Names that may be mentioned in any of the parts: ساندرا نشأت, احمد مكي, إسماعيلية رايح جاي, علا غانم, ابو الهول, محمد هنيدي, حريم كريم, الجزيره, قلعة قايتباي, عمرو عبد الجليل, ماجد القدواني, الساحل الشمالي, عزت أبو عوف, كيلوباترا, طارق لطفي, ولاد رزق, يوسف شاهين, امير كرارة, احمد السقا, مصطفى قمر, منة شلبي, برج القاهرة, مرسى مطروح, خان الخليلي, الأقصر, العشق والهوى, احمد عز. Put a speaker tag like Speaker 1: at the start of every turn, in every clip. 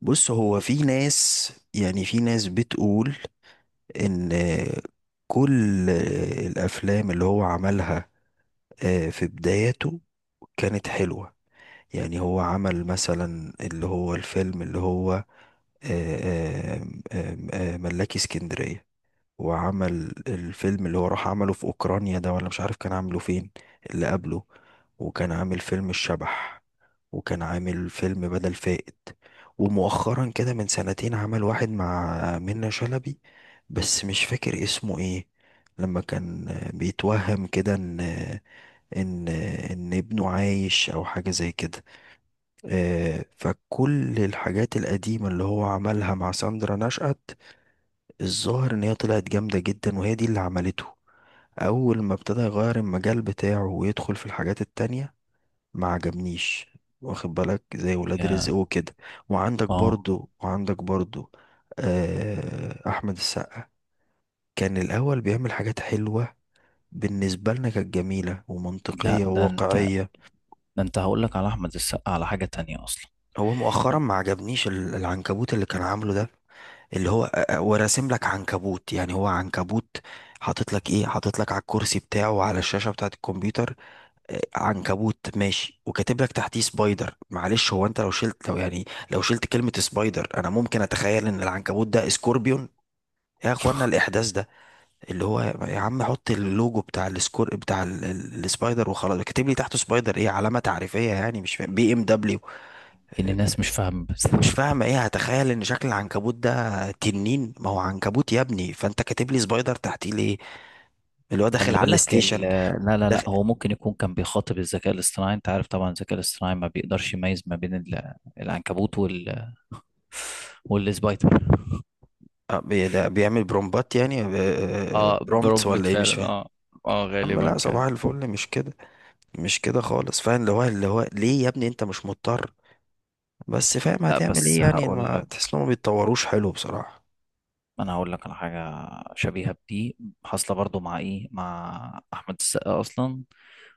Speaker 1: بص هو في ناس، يعني في ناس بتقول ان كل الافلام اللي هو عملها، في بداياته كانت حلوة. يعني هو عمل مثلا اللي هو الفيلم اللي هو آه، ملاكي اسكندرية، وعمل الفيلم اللي هو راح عمله في أوكرانيا ده، ولا مش عارف كان عامله فين اللي قبله. وكان عامل فيلم الشبح، وكان عامل فيلم بدل فائت. ومؤخرا كده من سنتين عمل واحد مع منة شلبي، بس مش فاكر اسمه ايه. لما كان بيتوهم كده ان ان ابنه عايش او حاجة زي كده. فكل الحاجات القديمة اللي هو عملها مع ساندرا نشأت، الظاهر ان هي طلعت جامدة جدا، وهي دي اللي عملته. اول ما ابتدى يغير المجال بتاعه ويدخل في الحاجات التانية ما عجبنيش. واخد بالك؟ زي ولاد رزق
Speaker 2: يا
Speaker 1: وكده. وعندك
Speaker 2: اه
Speaker 1: برضو وعندك برضو آه احمد السقا. كان الاول بيعمل حاجات حلوة، بالنسبة لنا كانت جميلة
Speaker 2: لا،
Speaker 1: ومنطقية
Speaker 2: ده انت
Speaker 1: وواقعية.
Speaker 2: ده انت هقول لك على احمد السقا على حاجة تانية اصلا.
Speaker 1: هو مؤخرا ما عجبنيش العنكبوت اللي كان عامله ده، اللي هو وراسم لك عنكبوت، يعني هو عنكبوت. حاطط لك ايه، حاطط لك على الكرسي بتاعه وعلى الشاشة بتاعة الكمبيوتر عنكبوت ماشي، وكاتب لك تحتيه سبايدر. معلش، هو انت لو شلت، لو يعني لو شلت كلمة سبايدر انا ممكن اتخيل ان العنكبوت ده سكوربيون. يا اخوانا الاحداث ده، اللي هو يا عم حط اللوجو بتاع السكور بتاع السبايدر وخلاص، كاتب لي تحته سبايدر ايه؟ علامة تعريفية يعني؟ مش فاهم، بي ام دبليو؟
Speaker 2: يمكن الناس مش فاهمة بس.
Speaker 1: مش فاهم ايه، هتخيل ان شكل العنكبوت ده تنين؟ ما هو عنكبوت يا ابني، فانت كاتب لي سبايدر تحتيه ليه؟ اللي هو داخل
Speaker 2: خلي
Speaker 1: على
Speaker 2: بالك
Speaker 1: الستيشن،
Speaker 2: لا لا لا،
Speaker 1: داخل
Speaker 2: هو ممكن يكون كان بيخاطب الذكاء الاصطناعي. انت عارف طبعا الذكاء الاصطناعي ما بيقدرش يميز ما بين العنكبوت والسبايدر.
Speaker 1: ده بيعمل برومبات يعني،
Speaker 2: اه
Speaker 1: برومبتس
Speaker 2: برومبت
Speaker 1: ولا ايه؟ مش
Speaker 2: فعلا،
Speaker 1: فاهم.
Speaker 2: اه. اه
Speaker 1: يا عم
Speaker 2: غالبا
Speaker 1: لا، صباح
Speaker 2: كان.
Speaker 1: الفل، مش كده، مش كده خالص. فاهم اللي هو اللي هو ليه يا ابني؟ انت مش مضطر. بس فاهم
Speaker 2: لا
Speaker 1: هتعمل
Speaker 2: بس
Speaker 1: ايه يعني،
Speaker 2: هقول
Speaker 1: ما
Speaker 2: لك،
Speaker 1: تحس انهم ما بيتطوروش حلو بصراحة.
Speaker 2: انا هقول لك على حاجه شبيهه بدي، حاصله برضو مع ايه، مع احمد السقا اصلا.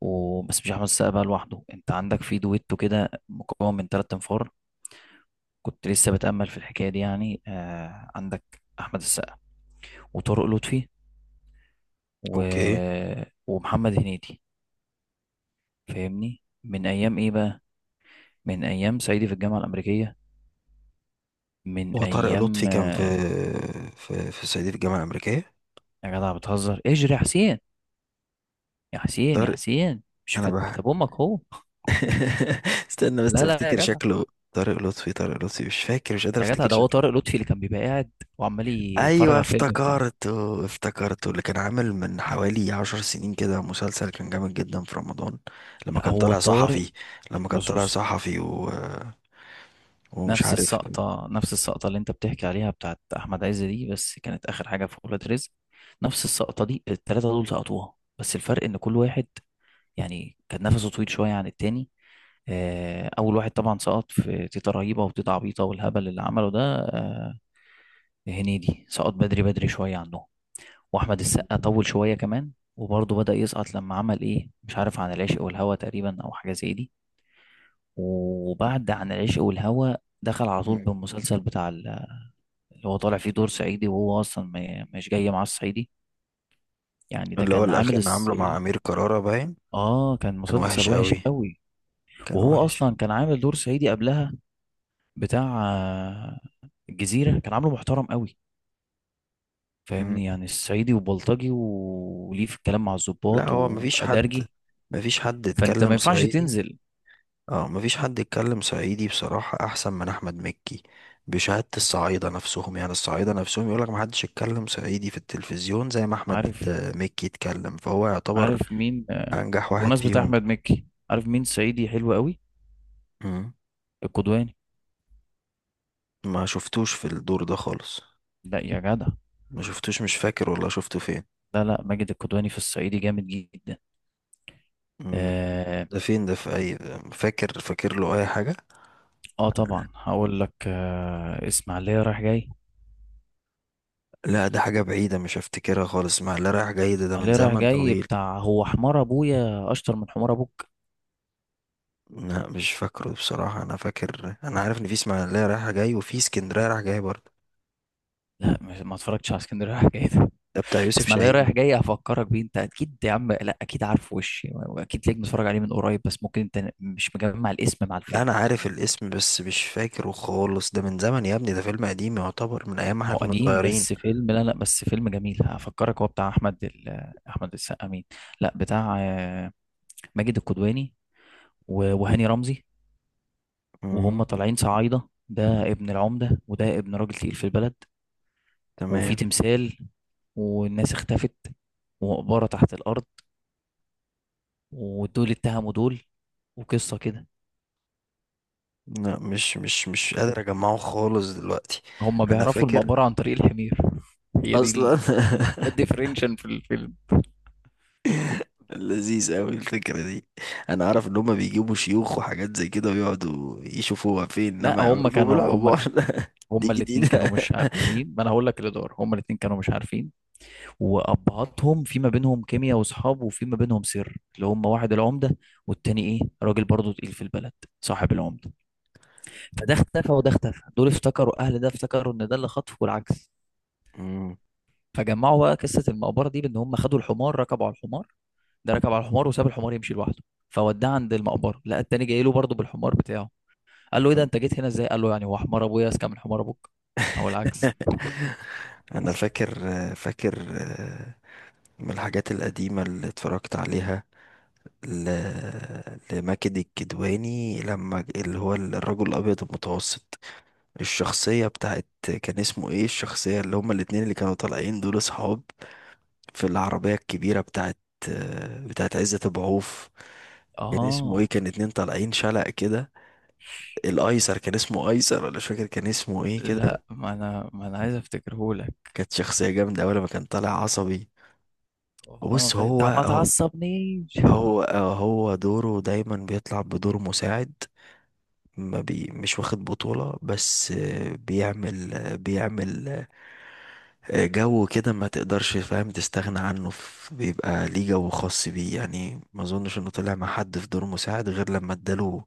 Speaker 2: وبس مش احمد السقا بقى لوحده، انت عندك في دويتو كده مكون من ثلاث انفار. كنت لسه بتامل في الحكايه دي يعني. آه، عندك احمد السقا وطارق لطفي و...
Speaker 1: اوكي.
Speaker 2: ومحمد هنيدي. فاهمني من ايام ايه بقى؟ من ايام صعيدي في الجامعه الامريكيه، من
Speaker 1: هو طارق
Speaker 2: ايام
Speaker 1: لطفي كان في في صعيدي في الجامعة الأمريكية؟
Speaker 2: يا جدع بتهزر، اجري يا حسين. يا حسين يا
Speaker 1: طارق،
Speaker 2: حسين، مش
Speaker 1: انا
Speaker 2: كانت
Speaker 1: بح.
Speaker 2: مكتب امك هو؟
Speaker 1: استنى بس
Speaker 2: لا لا يا
Speaker 1: افتكر
Speaker 2: جدع،
Speaker 1: شكله. طارق لطفي، طارق لطفي، مش فاكر، مش قادر
Speaker 2: يا جدع
Speaker 1: افتكر
Speaker 2: ده هو
Speaker 1: شكله.
Speaker 2: طارق لطفي اللي كان بيبقى قاعد وعمال يتفرج
Speaker 1: ايوه
Speaker 2: على الفيلم بتاعه.
Speaker 1: افتكرته، افتكرته، اللي كان عامل من حوالي 10 سنين كده مسلسل كان جامد جدا في رمضان، لما
Speaker 2: لا
Speaker 1: كان
Speaker 2: هو
Speaker 1: طالع
Speaker 2: طارق.
Speaker 1: صحفي. لما كان
Speaker 2: بص
Speaker 1: طالع
Speaker 2: بص،
Speaker 1: صحفي و... ومش
Speaker 2: نفس
Speaker 1: عارف.
Speaker 2: السقطة، نفس السقطة اللي انت بتحكي عليها بتاعت أحمد عز دي، بس كانت آخر حاجة في ولاد رزق. نفس السقطة دي التلاتة دول سقطوها. بس الفرق إن كل واحد يعني كان نفسه طويل شوية عن التاني. آه، أول واحد طبعا سقط في تيتا رهيبة وتيتا عبيطة والهبل اللي عمله ده. هنيدي سقط بدري، بدري شوية عنهم. واحمد السقا
Speaker 1: مم.
Speaker 2: طول شويه كمان، وبرضه بدأ يسقط لما عمل ايه، مش عارف، عن العشق والهوى تقريبا او حاجه زي دي. وبعد عن العشق والهوى دخل على طول بالمسلسل بتاع اللي هو طالع فيه دور صعيدي، وهو اصلا مش جاي معاه الصعيدي. يعني ده
Speaker 1: اللي هو
Speaker 2: كان
Speaker 1: الاخير
Speaker 2: عامل
Speaker 1: كان عامله مع
Speaker 2: الصعيدي.
Speaker 1: امير كرارة باين.
Speaker 2: اه كان
Speaker 1: كان
Speaker 2: مسلسل
Speaker 1: وحش
Speaker 2: وحش
Speaker 1: قوي،
Speaker 2: قوي.
Speaker 1: كان
Speaker 2: وهو
Speaker 1: وحش.
Speaker 2: اصلا كان عامل دور صعيدي قبلها بتاع الجزيره، كان عامله محترم قوي.
Speaker 1: مم.
Speaker 2: فاهمني يعني الصعيدي وبلطجي وليه في الكلام مع
Speaker 1: لا،
Speaker 2: الضباط
Speaker 1: هو مفيش حد،
Speaker 2: وادرجي،
Speaker 1: مفيش حد
Speaker 2: فانت ما
Speaker 1: اتكلم
Speaker 2: ينفعش
Speaker 1: صعيدي.
Speaker 2: تنزل.
Speaker 1: اه، مفيش حد يتكلم صعيدي بصراحة احسن من احمد مكي، بشهادة الصعايدة نفسهم. يعني الصعايدة نفسهم يقولك محدش يتكلم صعيدي في التلفزيون زي ما احمد
Speaker 2: عارف،
Speaker 1: مكي يتكلم. فهو يعتبر
Speaker 2: عارف مين
Speaker 1: انجح واحد
Speaker 2: بمناسبة
Speaker 1: فيهم.
Speaker 2: أحمد مكي، عارف مين صعيدي حلو قوي؟
Speaker 1: مم.
Speaker 2: القدواني.
Speaker 1: ما شفتوش في الدور ده خالص،
Speaker 2: لا يا جدع،
Speaker 1: ما شفتوش، مش فاكر والله شفته فين.
Speaker 2: لا لا، ماجد القدواني في الصعيدي جامد جدا.
Speaker 1: مم.
Speaker 2: آه,
Speaker 1: ده فين؟ ده في اي؟ فاكر، فاكر له اي حاجة؟
Speaker 2: آه طبعا هقول لك. آه، إسماعيلية رايح جاي.
Speaker 1: لا ده حاجة بعيدة، مش هفتكرها خالص، مع اللي رايح جاي ده، ده من
Speaker 2: إسماعيلية رايح
Speaker 1: زمن
Speaker 2: جاي
Speaker 1: طويل.
Speaker 2: بتاع هو حمار أبويا أشطر من حمار أبوك.
Speaker 1: لا مش فاكره بصراحة، أنا فاكر أنا عارف إن في إسماعيلية رايحة جاي، وفي اسكندرية رايح جاي برضه.
Speaker 2: لا ما اتفرجتش على اسكندرية رايح جاي ده.
Speaker 1: ده بتاع يوسف
Speaker 2: إسماعيلية رايح
Speaker 1: شاهين.
Speaker 2: جاي هفكرك بيه أنت أكيد يا عم، لا أكيد عارف وشي وأكيد ليك متفرج عليه من قريب، بس ممكن أنت مش مجمع الاسم مع
Speaker 1: لا
Speaker 2: الفيلم.
Speaker 1: أنا عارف الاسم بس مش فاكره خالص، ده من زمن يا ابني، ده فيلم قديم، يعتبر من أيام ما إحنا
Speaker 2: هو
Speaker 1: كنا
Speaker 2: قديم
Speaker 1: صغيرين.
Speaker 2: بس فيلم، لا لا، بس فيلم جميل هفكرك. هو بتاع احمد ال... آه، احمد السقا مين؟ لا بتاع ماجد الكدواني وهاني رمزي. وهم
Speaker 1: مم.
Speaker 2: طالعين صعايده، ده ابن العمده، وده ابن راجل تقيل في البلد. وفي
Speaker 1: تمام.
Speaker 2: تمثال، والناس اختفت، ومقبره تحت الارض، ودول اتهموا دول، وقصه كده.
Speaker 1: لا، مش قادر أجمعه خالص دلوقتي.
Speaker 2: هم
Speaker 1: أنا
Speaker 2: بيعرفوا
Speaker 1: فاكر
Speaker 2: المقبره عن طريق الحمير. هي دي
Speaker 1: أصلا.
Speaker 2: ده الديفرنشن في الفيلم.
Speaker 1: لذيذ أوي الفكرة دي. أنا عارف إن هما بيجيبوا شيوخ وحاجات زي كده ويقعدوا يشوفوها فين،
Speaker 2: لا
Speaker 1: إنما
Speaker 2: هم
Speaker 1: يعرفوا
Speaker 2: كانوا هم
Speaker 1: بالعبار. دي
Speaker 2: هما الاتنين كانوا
Speaker 1: جديدة.
Speaker 2: مش عارفين. ما انا هقول لك اللي دار، هما الاتنين كانوا مش عارفين. وابهاتهم في ما بينهم كيمياء واصحاب، وفي ما بينهم سر، اللي هما واحد العمده والتاني ايه، راجل برضه تقيل في البلد صاحب العمده. فده اختفى وده اختفى، دول افتكروا اهل ده افتكروا ان ده اللي خطفه والعكس.
Speaker 1: مم.
Speaker 2: فجمعوا بقى قصه المقبره دي، بان هم خدوا الحمار ركبوا على الحمار. ده ركب على الحمار وساب الحمار يمشي لوحده، فوداه عند المقبره، لقى التاني جاي له برضه بالحمار بتاعه. قال له: ايه ده انت جيت هنا ازاي؟ قال له: يعني هو حمار ابويا اذكى من حمار ابوك، او العكس.
Speaker 1: انا
Speaker 2: بس.
Speaker 1: فاكر، فاكر، من الحاجات القديمه اللي اتفرجت عليها ل... لماجد الكدواني، لما اللي هو الرجل الابيض المتوسط. الشخصيه بتاعت، كان اسمه ايه الشخصيه؟ اللي هما الاتنين اللي كانوا طالعين دول اصحاب في العربيه الكبيره بتاعت عزت أبو عوف. كان اسمه ايه؟
Speaker 2: اه.
Speaker 1: كان اتنين طالعين شلق كده. الايسر كان اسمه ايسر، ولا مش فاكر كان اسمه ايه كده.
Speaker 2: لا ما انا عايز افتكرهولك.
Speaker 1: كانت شخصيه جامده، اول ما كان طالع عصبي.
Speaker 2: والله ما
Speaker 1: بص،
Speaker 2: فاكر،
Speaker 1: هو
Speaker 2: طب ما تعصبنيش.
Speaker 1: هو هو دوره دايما بيطلع بدور مساعد، ما بي مش واخد بطولة. بس بيعمل جو كده ما تقدرش، فاهم، تستغنى عنه. بيبقى ليه جو خاص بيه، يعني ما اظنش انه طلع مع حد في دور مساعد غير لما اداله،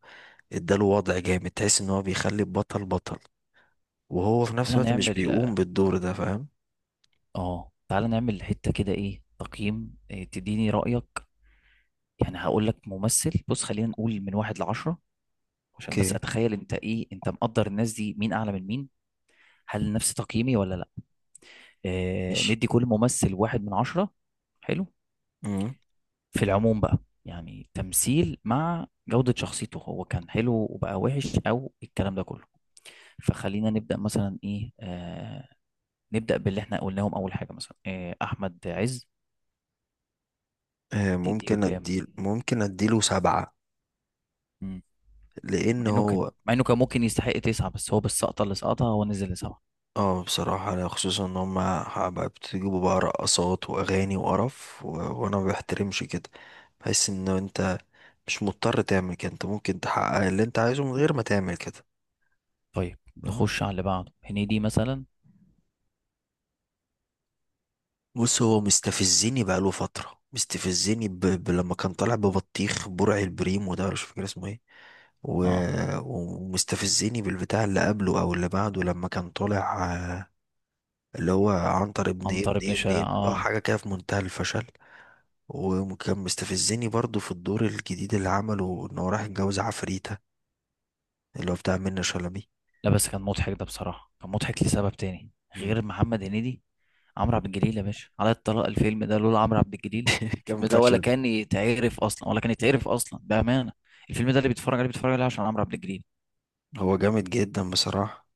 Speaker 1: اداله وضع جامد تحس ان هو بيخلي البطل بطل، وهو
Speaker 2: طب
Speaker 1: في نفس
Speaker 2: تعالى
Speaker 1: الوقت مش
Speaker 2: نعمل.
Speaker 1: بيقوم بالدور ده. فاهم؟
Speaker 2: حتة كده، ايه تقييم، إيه تديني رأيك. يعني هقول لك ممثل، بص خلينا نقول من واحد لعشرة، عشان بس
Speaker 1: اوكي،
Speaker 2: اتخيل انت ايه، انت مقدر الناس دي مين اعلى من مين، هل نفس تقييمي ولا لا. آه
Speaker 1: ماشي.
Speaker 2: ندي كل ممثل واحد من عشرة. حلو.
Speaker 1: مم.
Speaker 2: في العموم بقى، يعني تمثيل مع جودة شخصيته، هو كان حلو وبقى وحش او الكلام ده كله. فخلينا نبدأ مثلا ايه، نبدأ باللي احنا قلناهم اول حاجة، مثلا آه احمد عز.
Speaker 1: آه،
Speaker 2: تديله
Speaker 1: ممكن
Speaker 2: كام؟
Speaker 1: اديله ممكن اديله سبعة.
Speaker 2: مم.
Speaker 1: لان
Speaker 2: مع انه كان
Speaker 1: هو،
Speaker 2: مع انه كان ممكن يستحق تسعة، بس هو بالسقطة اللي سقطها هو نزل لسبعة.
Speaker 1: اه بصراحة أنا خصوصا ان هما بقى بتجيبوا بقى رقصات واغاني وقرف و... وانا ما بحترمش كده. بحس ان انت مش مضطر تعمل كده، انت ممكن تحقق اللي انت عايزه من غير ما تعمل كده.
Speaker 2: طيب
Speaker 1: فاهم؟
Speaker 2: نخش على اللي بعده، هنيدي مثلا.
Speaker 1: بص، هو مستفزني، بقاله فترة مستفزني لما كان طالع ببطيخ برع البريم، وده مش فاكر اسمه ايه. و...
Speaker 2: اه
Speaker 1: ومستفزني بالبتاع اللي قبله او اللي بعده، لما كان طالع، اللي هو عنتر ابن ابن
Speaker 2: عنتر ابن شقة،
Speaker 1: ابن ابن اه
Speaker 2: اه.
Speaker 1: حاجة كده في منتهى الفشل. وكان مستفزني برضو في الدور الجديد اللي عمله، ان هو راح يتجوز عفريتة، اللي هو بتاع منة شلبي.
Speaker 2: لا بس كان مضحك ده بصراحة، كان مضحك لسبب تاني
Speaker 1: مم.
Speaker 2: غير محمد هنيدي. عمرو عبد الجليل يا باشا، على الطلاق الفيلم ده لولا عمرو عبد الجليل
Speaker 1: كان
Speaker 2: الفيلم ده ولا
Speaker 1: فشل.
Speaker 2: كان يتعرف اصلا، ولا كان يتعرف اصلا بأمانة. الفيلم ده اللي بيتفرج عليه بيتفرج عليه عشان عمرو عبد الجليل.
Speaker 1: هو جامد جدا بصراحة.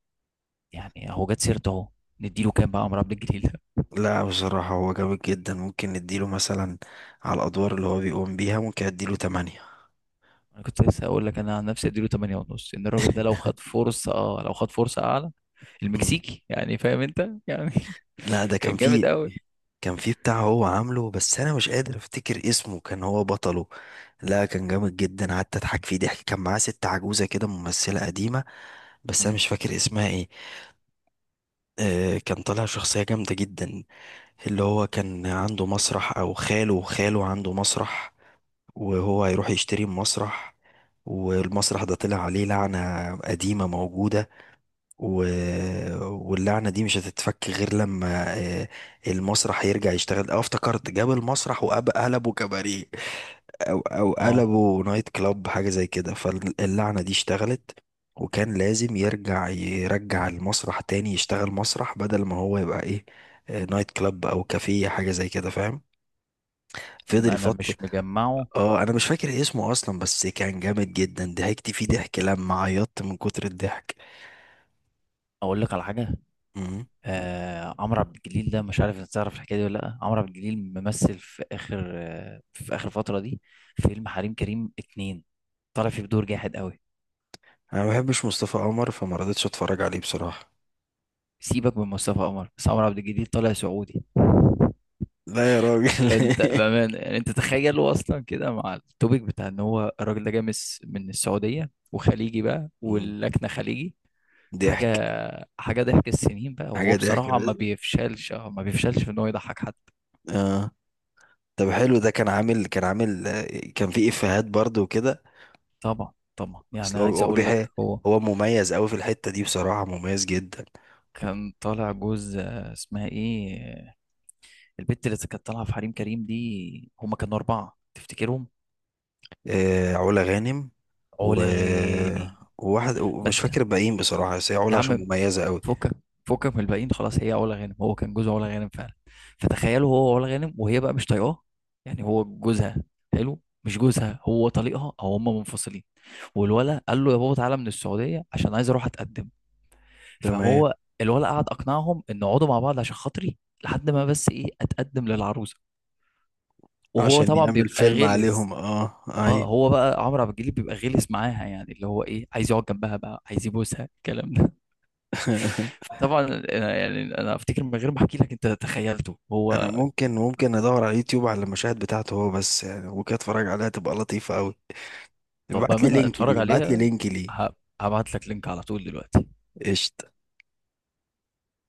Speaker 2: يعني هو جت سيرته اهو، نديله كام بقى عمرو عبد الجليل ده؟
Speaker 1: لا بصراحة هو جامد جدا، ممكن نديله مثلا على الأدوار اللي هو بيقوم بيها، ممكن أديله تمانية.
Speaker 2: انا كنت لسه هقول لك، انا عن نفسي اديله 8 ونص. ان الراجل ده لو خد فرصه، اه لو خد فرصه اعلى،
Speaker 1: مم.
Speaker 2: المكسيكي يعني، فاهم انت يعني.
Speaker 1: لا ده
Speaker 2: كان
Speaker 1: كان
Speaker 2: جامد
Speaker 1: فيه،
Speaker 2: قوي.
Speaker 1: كان فيه بتاع هو عامله، بس أنا مش قادر أفتكر اسمه، كان هو بطله. لا كان جامد جدا، قعدت أضحك فيه ضحك. كان معاه ست عجوزة كده، ممثلة قديمة، بس أنا
Speaker 2: مم.
Speaker 1: مش فاكر اسمها ايه. كان طالع شخصية جامدة جدا، اللي هو كان عنده مسرح، أو خاله عنده مسرح، وهو هيروح يشتري مسرح، والمسرح ده طلع عليه لعنة قديمة موجودة، و... واللعنة دي مش هتتفك غير لما المسرح يرجع يشتغل. اه افتكرت، جاب المسرح وقلبه كباريه، او او
Speaker 2: اه.
Speaker 1: قلبوا نايت كلاب حاجه زي كده، فاللعنه دي اشتغلت، وكان لازم يرجع، يرجع المسرح تاني يشتغل مسرح، بدل ما هو يبقى ايه، نايت كلاب او كافيه حاجه زي كده. فاهم؟ فضل
Speaker 2: انا
Speaker 1: فتره.
Speaker 2: مش مجمعه.
Speaker 1: اه انا مش فاكر إيه اسمه اصلا، بس كان جامد جدا، ضحكت فيه
Speaker 2: طب
Speaker 1: ضحك لما عيطت من كتر الضحك.
Speaker 2: اقول لك على حاجه.
Speaker 1: مم.
Speaker 2: آه عمرو عبد الجليل ده، مش عارف انت تعرف الحكايه دي ولا لا. عمرو عبد الجليل ممثل في اخر، في اخر فتره دي، فيلم حريم كريم اتنين، طالع فيه بدور جاحد قوي.
Speaker 1: انا ما بحبش مصطفى قمر فما رضيتش اتفرج عليه بصراحه.
Speaker 2: سيبك من مصطفى قمر، بس عمرو عبد الجليل طالع سعودي.
Speaker 1: لا يا راجل.
Speaker 2: فانت بامانه يعني انت تخيل، هو اصلا كده مع التوبيك بتاع ان هو الراجل ده جاي من من السعوديه، وخليجي بقى
Speaker 1: مم.
Speaker 2: واللكنه خليجي. حاجه،
Speaker 1: ضحك.
Speaker 2: ضحك السنين بقى. وهو
Speaker 1: حاجه ضحك
Speaker 2: بصراحه
Speaker 1: بس.
Speaker 2: ما بيفشلش في ان هو يضحك حد.
Speaker 1: اه. طب حلو، ده كان عامل، كان عامل، كان في افيهات برضه وكده.
Speaker 2: طبعا طبعا، يعني
Speaker 1: اصل هو
Speaker 2: عايز اقول لك هو
Speaker 1: هو مميز قوي في الحتة دي بصراحة، مميز جدا.
Speaker 2: كان طالع جوز اسمها ايه، البت اللي كانت طالعه في حريم كريم دي، هما كانوا اربعه تفتكرهم؟
Speaker 1: آه علا غانم، و،
Speaker 2: علا غاني.
Speaker 1: وواحد ومش
Speaker 2: فانت
Speaker 1: فاكر الباقيين بصراحة، بس هي
Speaker 2: يا
Speaker 1: علا عشان
Speaker 2: عم
Speaker 1: مميزة قوي.
Speaker 2: فكك، فكك من الباقيين خلاص. هي علا غانم، هو كان جوز علا غانم فعلا. فتخيلوا هو وعلا غانم، وهي بقى مش طايقاه. يعني هو جوزها، حلو، مش جوزها، هو طليقها او هما منفصلين. والولا قال له: يا بابا تعالى من السعوديه عشان عايز اروح اتقدم.
Speaker 1: تمام.
Speaker 2: فهو، الولا قعد اقنعهم ان اقعدوا مع بعض عشان خاطري، لحد ما بس ايه اتقدم للعروسه. وهو
Speaker 1: عشان
Speaker 2: طبعا
Speaker 1: يعمل
Speaker 2: بيبقى
Speaker 1: فيلم
Speaker 2: غلس.
Speaker 1: عليهم، اه.
Speaker 2: اه
Speaker 1: اي.
Speaker 2: هو بقى عمرو عبد الجليل بيبقى غلس معاها، يعني اللي هو ايه عايز يقعد جنبها بقى، عايز يبوسها، الكلام ده. فطبعا يعني انا افتكر من غير ما احكي لك انت تخيلته هو.
Speaker 1: انا ممكن، ممكن ادور على اليوتيوب على المشاهد بتاعته هو بس يعني، وكده اتفرج عليها تبقى لطيفة قوي.
Speaker 2: طب
Speaker 1: ابعت لي
Speaker 2: بامانه
Speaker 1: لينك
Speaker 2: اتفرج
Speaker 1: ليه، ابعت لي
Speaker 2: عليها.
Speaker 1: لينك ليه.
Speaker 2: ه- هبعت لك لينك على طول دلوقتي.
Speaker 1: قشطة.